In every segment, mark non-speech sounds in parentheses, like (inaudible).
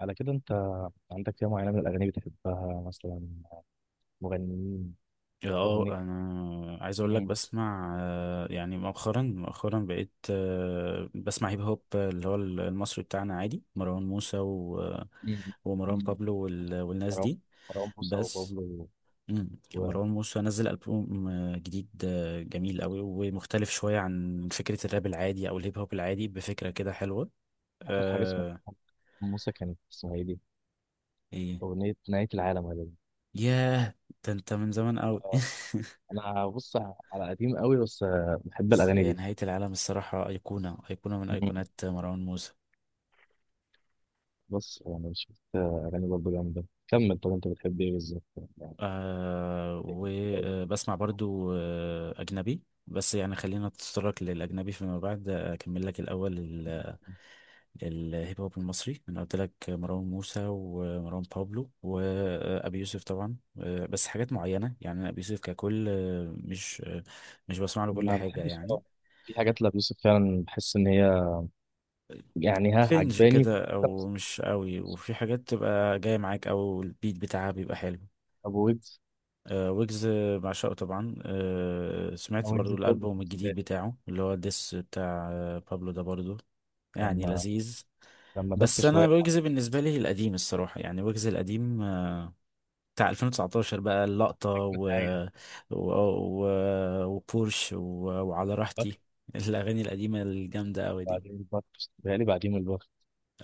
على كده انت عندك فئة معينة من الأغاني بتحبها، مثلا مغنيين؟ اه، أغنية انا عايز اقول لك مين؟ بسمع، يعني مؤخرا مؤخرا بقيت، بسمع هيب هوب اللي هو المصري بتاعنا عادي مروان موسى مم. ومروان مم. بابلو والناس مروان دي مروان موسى بس. وبابلو. وآخر مروان موسى نزل ألبوم جديد، جميل قوي ومختلف شوية عن فكرة الراب العادي او الهيب هوب العادي بفكرة كده حلوة. حاجة اسمها أه. موسى، كانت اسمها ايه دي؟ ايه. أغنية نهاية العالم غالبا. ياه، ده انت من زمان قوي. اه (laughs) أنا بص، على قديم قوي بس بحب بس الأغاني هي دي. نهاية العالم الصراحة أيقونة أيقونة من مم. أيقونات مروان موسى. بص، يعني شفت أغاني برضه جامدة. كمل. طب أنت بتحب إيه بالظبط يعني؟ آه، إيه بالظبط أوي؟ وبسمع برضو أجنبي، بس يعني خلينا نتطرق للأجنبي فيما بعد، أكمل لك الأول الهيب هوب المصري. أنا قلت لك مروان موسى ومروان بابلو وأبي يوسف طبعا، بس حاجات معينة يعني، أنا أبي يوسف ككل مش بسمع له كل ما حاجة بحبش، يعني، اه، في حاجات لأبو يوسف فعلا بحس إن هي يعني ها كرنج عجباني. كده أو مش قوي، وفي حاجات تبقى جاية معاك أو البيت بتاعها بيبقى حلو. أبو ويجز، آه، ويجز بعشقه طبعا، سمعت برضو ويجز توب الألبوم بالنسبه الجديد لي. بتاعه اللي هو ديس بتاع بابلو ده برضو يعني لما لذيذ. لما دس بس أنا شويه على ويجز بالنسبة لي القديم الصراحة يعني، ويجز القديم بتاع 2019 بقى اللقطة اجمد حاجه. و... و... وبورش وعلى البخت. راحتي. (laughs) الأغاني القديمة الجامدة أوي دي. بعدين البخت، بيتهيألي بعدين البخت.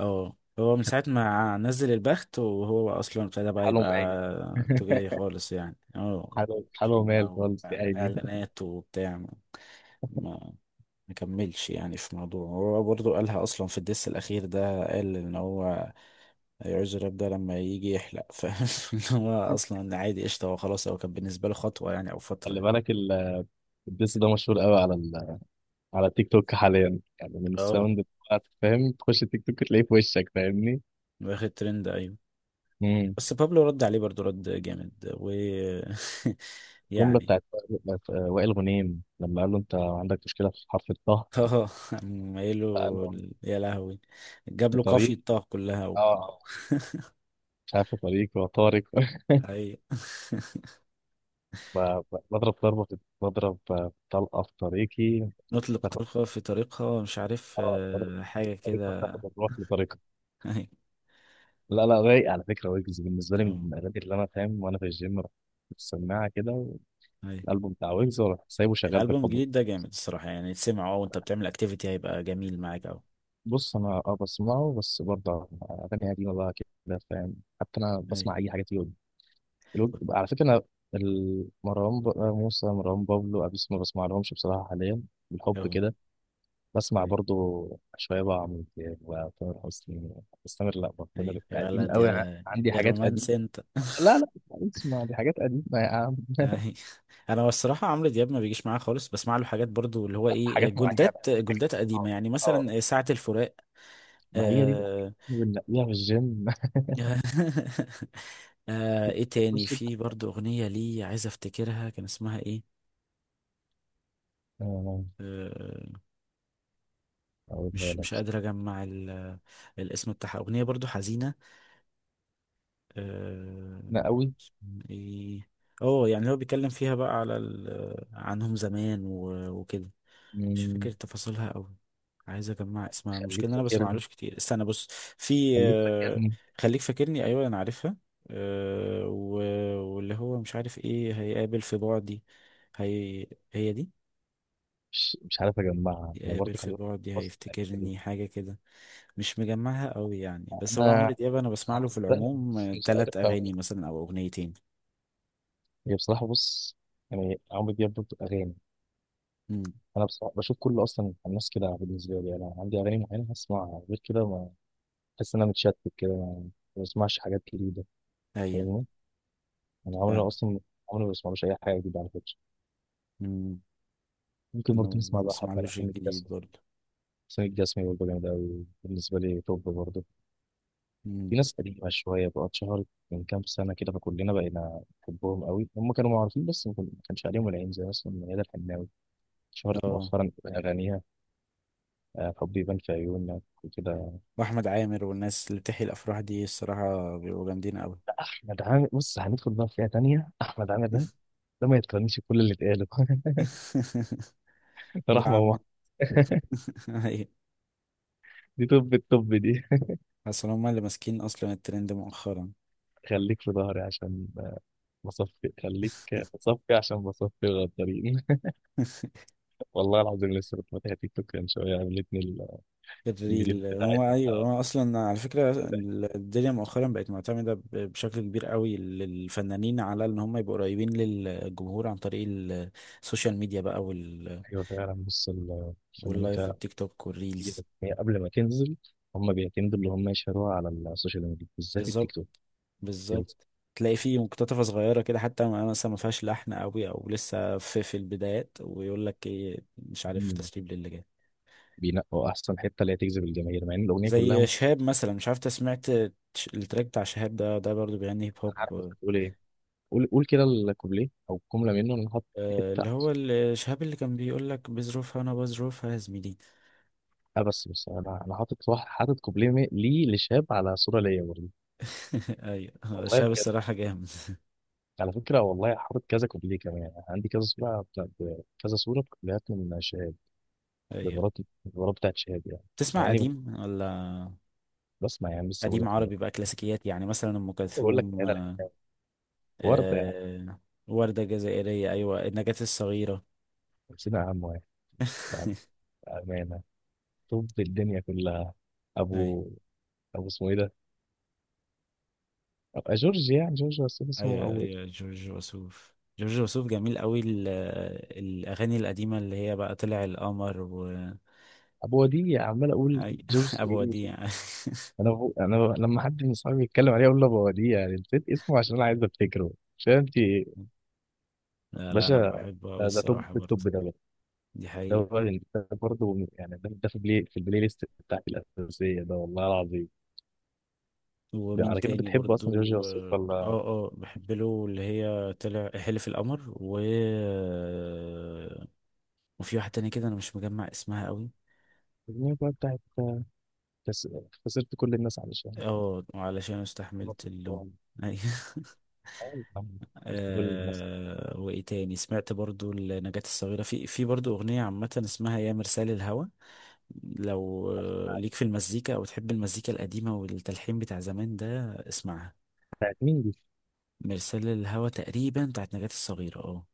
اه، هو من ساعة ما نزل البخت وهو اصلا ابتدى بقى حاله مايل. يبقى (laughs) تجاري خالص يعني، اه. حاله عشان مايل بقى خالص يا بقى عيني. (laughs) اعلانات وبتاع، ما ما كملش يعني، في موضوع هو برضو قالها اصلا في الدس الاخير ده، قال ان هو هيعوز الراب ده لما يجي يحلق. (laughs) فاهم؟ ان هو اصلا عادي قشطة، هو خلاص هو كان بالنسبة له خطوة يعني او فترة خلي يعني. بالك الدس ده مشهور قوي على تيك توك حاليا، يعني من اه، الساوند بتاعت، فاهم؟ تخش تيك توك تلاقيه في وشك، فاهمني؟ واخد ترند، ايوه. امم. بس بابلو رد عليه برضو رد جامد (laughs) الجمله يعني. بتاعت وائل، وائل غنيم لما قال له انت عندك مشكله في حرف الطه. (laughs) اه، مايله، فقال له يا لهوي. جاب في له طريق، قافية طه كلها. اه، (laughs) مش عارف، في طريق وطارق. (laughs) أيوة. (laughs) ب- بضرب طلقه في طريقي. نطلق تاخد، طلقة في طريقها، مش عارف اه، طريقة، حاجة طريقة كده. تاخد الروح بطريقة. (laughs) أيوة. لا لا، رايق على فكرة، ويجز بالنسبة لي من أه. الأغاني، اللي أنا فاهم وأنا في الجيم رحت السماعة كده، أيوة. الألبوم بتاع ويجز، وأروح سايبه شغال الألبوم بالحب. الجديد ده جامد الصراحة يعني، تسمعه اه وانت بتعمل اكتيفيتي هيبقى جميل معاك أوي. بص، أنا أه بسمعه بس برضه أغاني قديمة بقى كده، فاهم؟ حتى أنا أيوة. بسمع أي حاجة فيه. على فكرة أنا، مروان موسى، مروان بابلو، أبيوسف ما بسمعلهمش بصراحة حاليا. بالحب أهو. كده. بسمع برضه شوية بقى عمرو دياب وتامر حسني. بس تامر، لا بقى، تامر أيوة يا قديم ولد، قوي، يا عندي يا حاجات قديمة. رومانس انت. (laughs) لا لا، اسمع، دي حاجات قديمة يا عم. أيوة. انا الصراحه عمرو دياب ما بيجيش معايا خالص، بسمع له حاجات برضو اللي هو ايه، حاجات معينة، جولدات جولدات قديمه، اه. يعني اه، مثلا ساعه الفراق ما هي دي بقى آه، بنلاقيها في الجيم. (laughs) ايه (laughs) تاني، بص، في برضو اغنية لي عايز افتكرها كان اسمها ايه. آه، آه أقولها مش لك. مش قادر اجمع الاسم بتاعها، اغنية برضو حزينة. آه أنا أوي. اسمها ايه؟ اه، يعني هو بيتكلم فيها بقى على عنهم زمان وكده، مش فاكر مم، تفاصيلها قوي. عايز اجمع اسمها، المشكله خليك ان انا فاكرني، بسمعلوش كتير، استنى، بص، في خليك آه، فاكرني. خليك فاكرني، ايوه انا عارفها. آه، و- واللي هو مش عارف ايه هيقابل في بعدي. هي هي دي. مش عارف أجمعها أنا يقابل برضه، في خليك. بعدي بص، فاكرني. هيفتكرني حاجه كده، مش مجمعها قوي يعني، بس هو أنا أنا عمرو دياب انا بسمع له في عارفها العموم بس مش عارف ثلاث اغاني أقولها. مثلا او اغنيتين. هي بصراحة، بص، يعني عمرو دياب برضه أغاني. امم. أنا بصراحة بشوف كل، أصلا الناس كده بالنسبة لي، أنا عندي أغاني معينة هسمعها، غير كده ما بحس إن أنا متشتت كده، ما بسمعش حاجات جديدة. ايوه. فاهمني؟ انا عمري، فاهم. اصلا عمري ما بسمعلوش اي حاجه جديده على فكره. امم. ممكن انا برضه نسمع ما بقى حبه بسمعلوش لحسين الجديد الجسمي. برضه. حسين الجسمي برضه جامد قوي بالنسبه لي، توب برضه. امم. في ناس قديمه شويه بقى اتشهرت من كام سنه كده، فكلنا بقينا نحبهم قوي، هم كانوا معروفين بس ما كانش عليهم العين، زي مثلا ميادة الحناوي، اتشهرت اه. مؤخرا باغانيها. حبي يبان في عيونك وكده. واحمد عامر والناس اللي بتحيي الافراح دي، الصراحه بيبقوا جامدين قوي. احمد عامر، بص، هندخل بقى في فئه تانيه، احمد عامر ده ما يتقارنش بكل اللي اتقاله. (laughs) (laughs) ده رحمه عم. الله. (laughs) (laughs) ايوه. دي، طب الطب دي. اصل هما اللي ماسكين اصلا الترند مؤخرا. خليك في ظهري عشان بصفي، خليك بصفي، عشان بصفي الغدارين. (laughs) (laughs) والله العظيم، لسه كنت فاتح تيك توك من شويه، عملتني الفيديو الريل هو، بتاعتها، ايوه، هو اصلا على فكره بتاعت-. الدنيا مؤخرا بقت معتمده بشكل كبير قوي للفنانين، على ان هم يبقوا قريبين للجمهور عن طريق السوشيال ميديا بقى. ايوه فعلا، بص، الفنانين واللايف فعلا. والتيك توك والريلز. هي قبل ما تنزل، هم بيعتمدوا اللي هم يشهروها على السوشيال ميديا، بالذات التيك بالظبط. توك. بيلز-. بالظبط. تلاقي فيه مقتطفة صغيرة كده حتى، مثلا ما فيهاش لحن قوي او لسه في في البدايات، ويقول لك ايه، مش عارف، مم. تسريب للي بينقوا احسن حته اللي هي تجذب الجماهير، مع ان الاغنيه كلها زي ممكن. شهاب مثلا. مش عارف انت سمعت التراك بتاع شهاب، ده برضه بيغني هيب انا هوب. عارف انت هتقول ايه، قول قول كده الكوبليه او جمله منه، انا حاطط حته. اللي هو شهاب اللي كان بيقول لك بظروفها، انا بظروفها يا زميلي. اه، بس انا حاطط واحد، حاطط كوبليه ليه لشاب على صوره ليا برضه. (laughs) ايوه، هو والله شهاب بجد، الصراحة جامد. على فكرة والله حاطط كذا كوبليه كمان يعني، عندي كذا صورة بتاعت، كذا صورة كوبليهات من شهاب. ايوه. بالمرات بالمرات بتاعت شهاب يعني. مع بتسمع إني قديم ولا؟ بسمع يعني، لسه بقول قديم لك مرة، عربي بقى، كلاسيكيات يعني مثلا ام بقول لك كلثوم، أنا الحكاية. وردة يعني. آه، وردة جزائرية، ايوه، النجاة الصغيرة. نسينا عم واحد. بعد (laughs) أمانة، طب الدنيا كلها. ايوه، أبو أبو اسمه إيه ده؟ جورج يعني، جورج بس اسمه، ايوه، أو. ايوه، جورج وسوف جورج وسوف جميل قوي، الاغاني القديمه اللي هي بقى طلع القمر. أبو وديع. عمال أقول أي... (laughs) جورج، إيه ابو ده؟ وديع. (laughs) أنا لما حد من صحابي يتكلم عليه، أقول له أبو وديع يعني نسيت اسمه عشان أنا عايز أفتكره. مش فاهم في إيه. لا، لا، انا باشا. بحبه ده قوي ده توب الصراحه التوب، برضه، ده دي ده حقيقه. هو اللي ده برضه يعني، ده في البلاي، ليست بتاعتي الأساسية، ده والله العظيم. ده ومين على كده تاني بتحب أصلا برضه؟ جورج وسوف ولا؟ اه، اه، بحب له اللي هي طلع حلف القمر، وفي واحده تانية كده انا مش مجمع اسمها قوي. الأغنية بقى بتاعت كس- خسرت كل الناس علشان. اه، وعلشان استحملت اللوم. سلطان. أيوة. (laughs) أيوة. خسرت كل الناس وايه تاني سمعت برضو لنجاة الصغيرة، في برضو اغنية عامة اسمها يا مرسال الهوى، لو علشان-. ليك في المزيكا او تحب المزيكا القديمة والتلحين بتاع زمان ده اسمعها. بتاعت مين دي؟ مرسال الهوى تقريبا بتاعت نجاة الصغيرة، اه.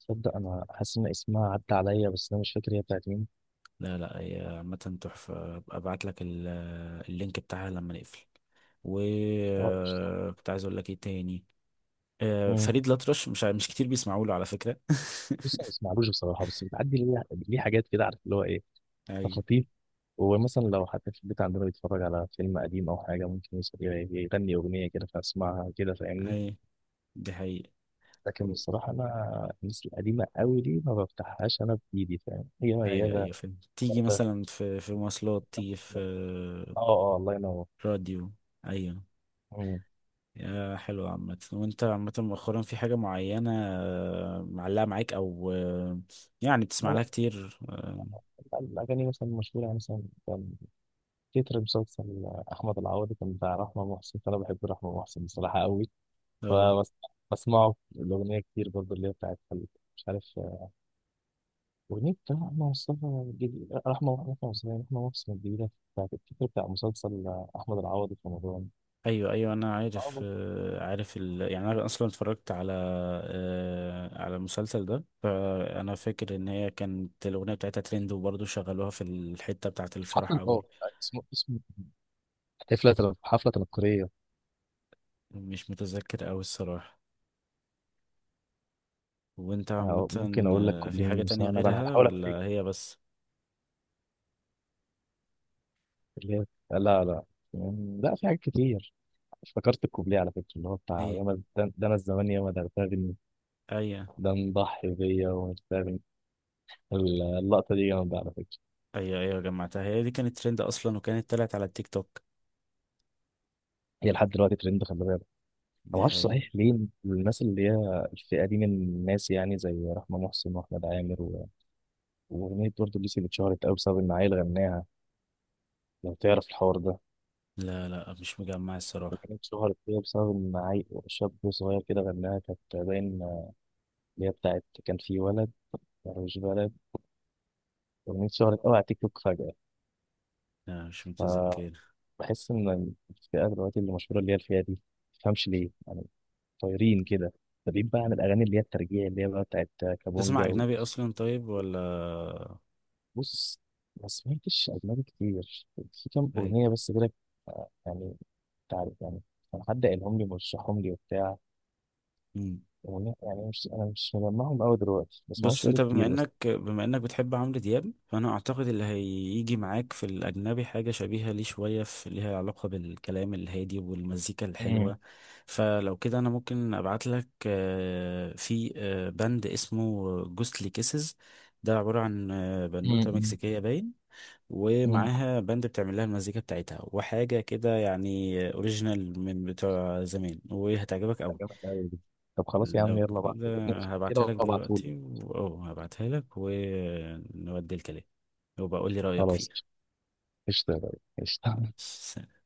تصدق، أنا حاسس إن اسمها عدى عليا بس أنا مش فاكر، هي بتاعت مين؟ لا، لا، هي عامة تحفة، أبقى ابعت لك اللينك بتاعها لما نقفل. و أه، قشطة. آه، كنت عايز اقول لك ايه تاني. مم. فريد الأطرش مش كتير بيسمعوا له على فكرة. بص أنا ما (laughs) بسمعلوش بصراحة، بس بتعدي ليه، ليه حاجات كده، عارف اللي هو إيه؟ ايوه، خطيف. ومثلا لو حتى في البيت عندنا بيتفرج على فيلم قديم أو حاجة، ممكن يغني أغنية كده فأسمعها كده، فاهمني؟ ايوه، دي حقيقة. لكن بصراحة أنا الناس القديمة أوي دي ما بفتحهاش أنا بإيدي، فاهم؟ هي ايوه، ميادة، ايوه، فيلم تيجي وردة. مثلا في مواصلات، تيجي في آه آه، الله ينور. راديو. ايوه، مم. يا حلو عامة، وانت عامة مؤخرا في حاجة معينة معلقة معاك او يعني لا، بتسمع بقى لها كتير، اه؟ بقى الأغاني مثلا مشهورة يعني، مثلا كان تتر مسلسل أحمد العوضي كان بتاع رحمة محسن، فأنا بحب رحمة محسن بصراحة أوي. آه. فبسمعه الأغنية كتير برضه، اللي هي بتاعت، مش عارف، ونبدأ أحمد مصطفى الجديد، رحمة أحمد مصطفى، رحمة مصطفى الجديدة بتاعت الفكرة بتاع مسلسل أحمد العوضي في رمضان. ايوه، ايوه، انا عارف آه، عارف يعني انا اصلا اتفرجت على على المسلسل ده، فانا فاكر ان هي كانت الاغنية بتاعتها ترند، وبرضه شغلوها في الحتة بتاعت الفرح حفلة اول. اه، اسمه حفلة تنكرية. مش متذكر اوي الصراحة. وانت عامة؟ ممكن أقول لك في كوبليه من حاجة تانية المساواة بقى، أنا غيرها بحاول ولا أفتكر هي بس؟ اللي هي. لا لا، يعني لا، في حاجات كتير. افتكرت الكوبليه على فكرة اللي هو بتاع ايه. ياما، ده أنا الزمان ياما، ده ارتبني، ايوه، ده مضحي بيا ومش فاهم. اللقطة دي جامدة على فكرة. ايوه، ايوه، جمعتها، هي دي كانت ترند اصلا وكانت طلعت على التيك توك. هي لحد دلوقتي ترند، خلي بالك. ما دي اعرفش حقيقة. صحيح ليه. الناس اللي هي الفئه دي من الناس يعني، زي رحمه محسن واحمد عامر واغنيه برضه ليسي اللي اتشهرت قوي بسبب ان عيل غناها. لو تعرف الحوار ده. لا، لا، مش مجمع الصراحة. وكانت اتشهرت كده بسبب ان عيل، شاب صغير كده، غناها، كانت باين اللي هي بتاعت كان في ولد، مش بلد، اغنيه اتشهرت قوي على تيك توك فجاه. لا، مش متذكر. فبحس ان الفئه دلوقتي اللي مشهوره، اللي هي الفئه دي، ما تفهمش ليه يعني. طايرين كده. ده بعيد بقى عن الاغاني اللي هي الترجيع، اللي هي بقى بتاعت تسمع كابونجا. اجنبي اصلا طيب ولا؟ بص، ما سمعتش أجنبي كتير، في كام أغنية بس كده، يعني، أنت عارف يعني، كان حد قالهم لي مرشحهم لي وبتاع ايه. أغنية يعني، مش أنا مش مجمعهم أوي دلوقتي بس ما بص بقالي انت بما كتير، بس. انك بما انك بتحب عمرو دياب، فانا اعتقد اللي هيجي معاك في الاجنبي حاجه شبيهه ليه شويه، في ليها علاقه بالكلام الهادي والمزيكا أمم، الحلوه. فلو كده انا ممكن ابعت لك في بند اسمه جوستلي كيسز. ده عباره عن بنوته أمم، مكسيكيه باين، أمم. ومعاها باند بتعمل لها المزيكا بتاعتها وحاجه كده، يعني اوريجينال من بتوع زمان وهتعجبك ده قوي. جامد أوي دي. طب خلاص يا عم، لو يلا بقى كده نقفل كده هبعتها لك وابعتهولي. دلوقتي و- اه هبعتها لك ونودي الكلام، وبقول لي رأيك فيه. خلاص قشطة يا غالي، ماشي، قشطة سلام.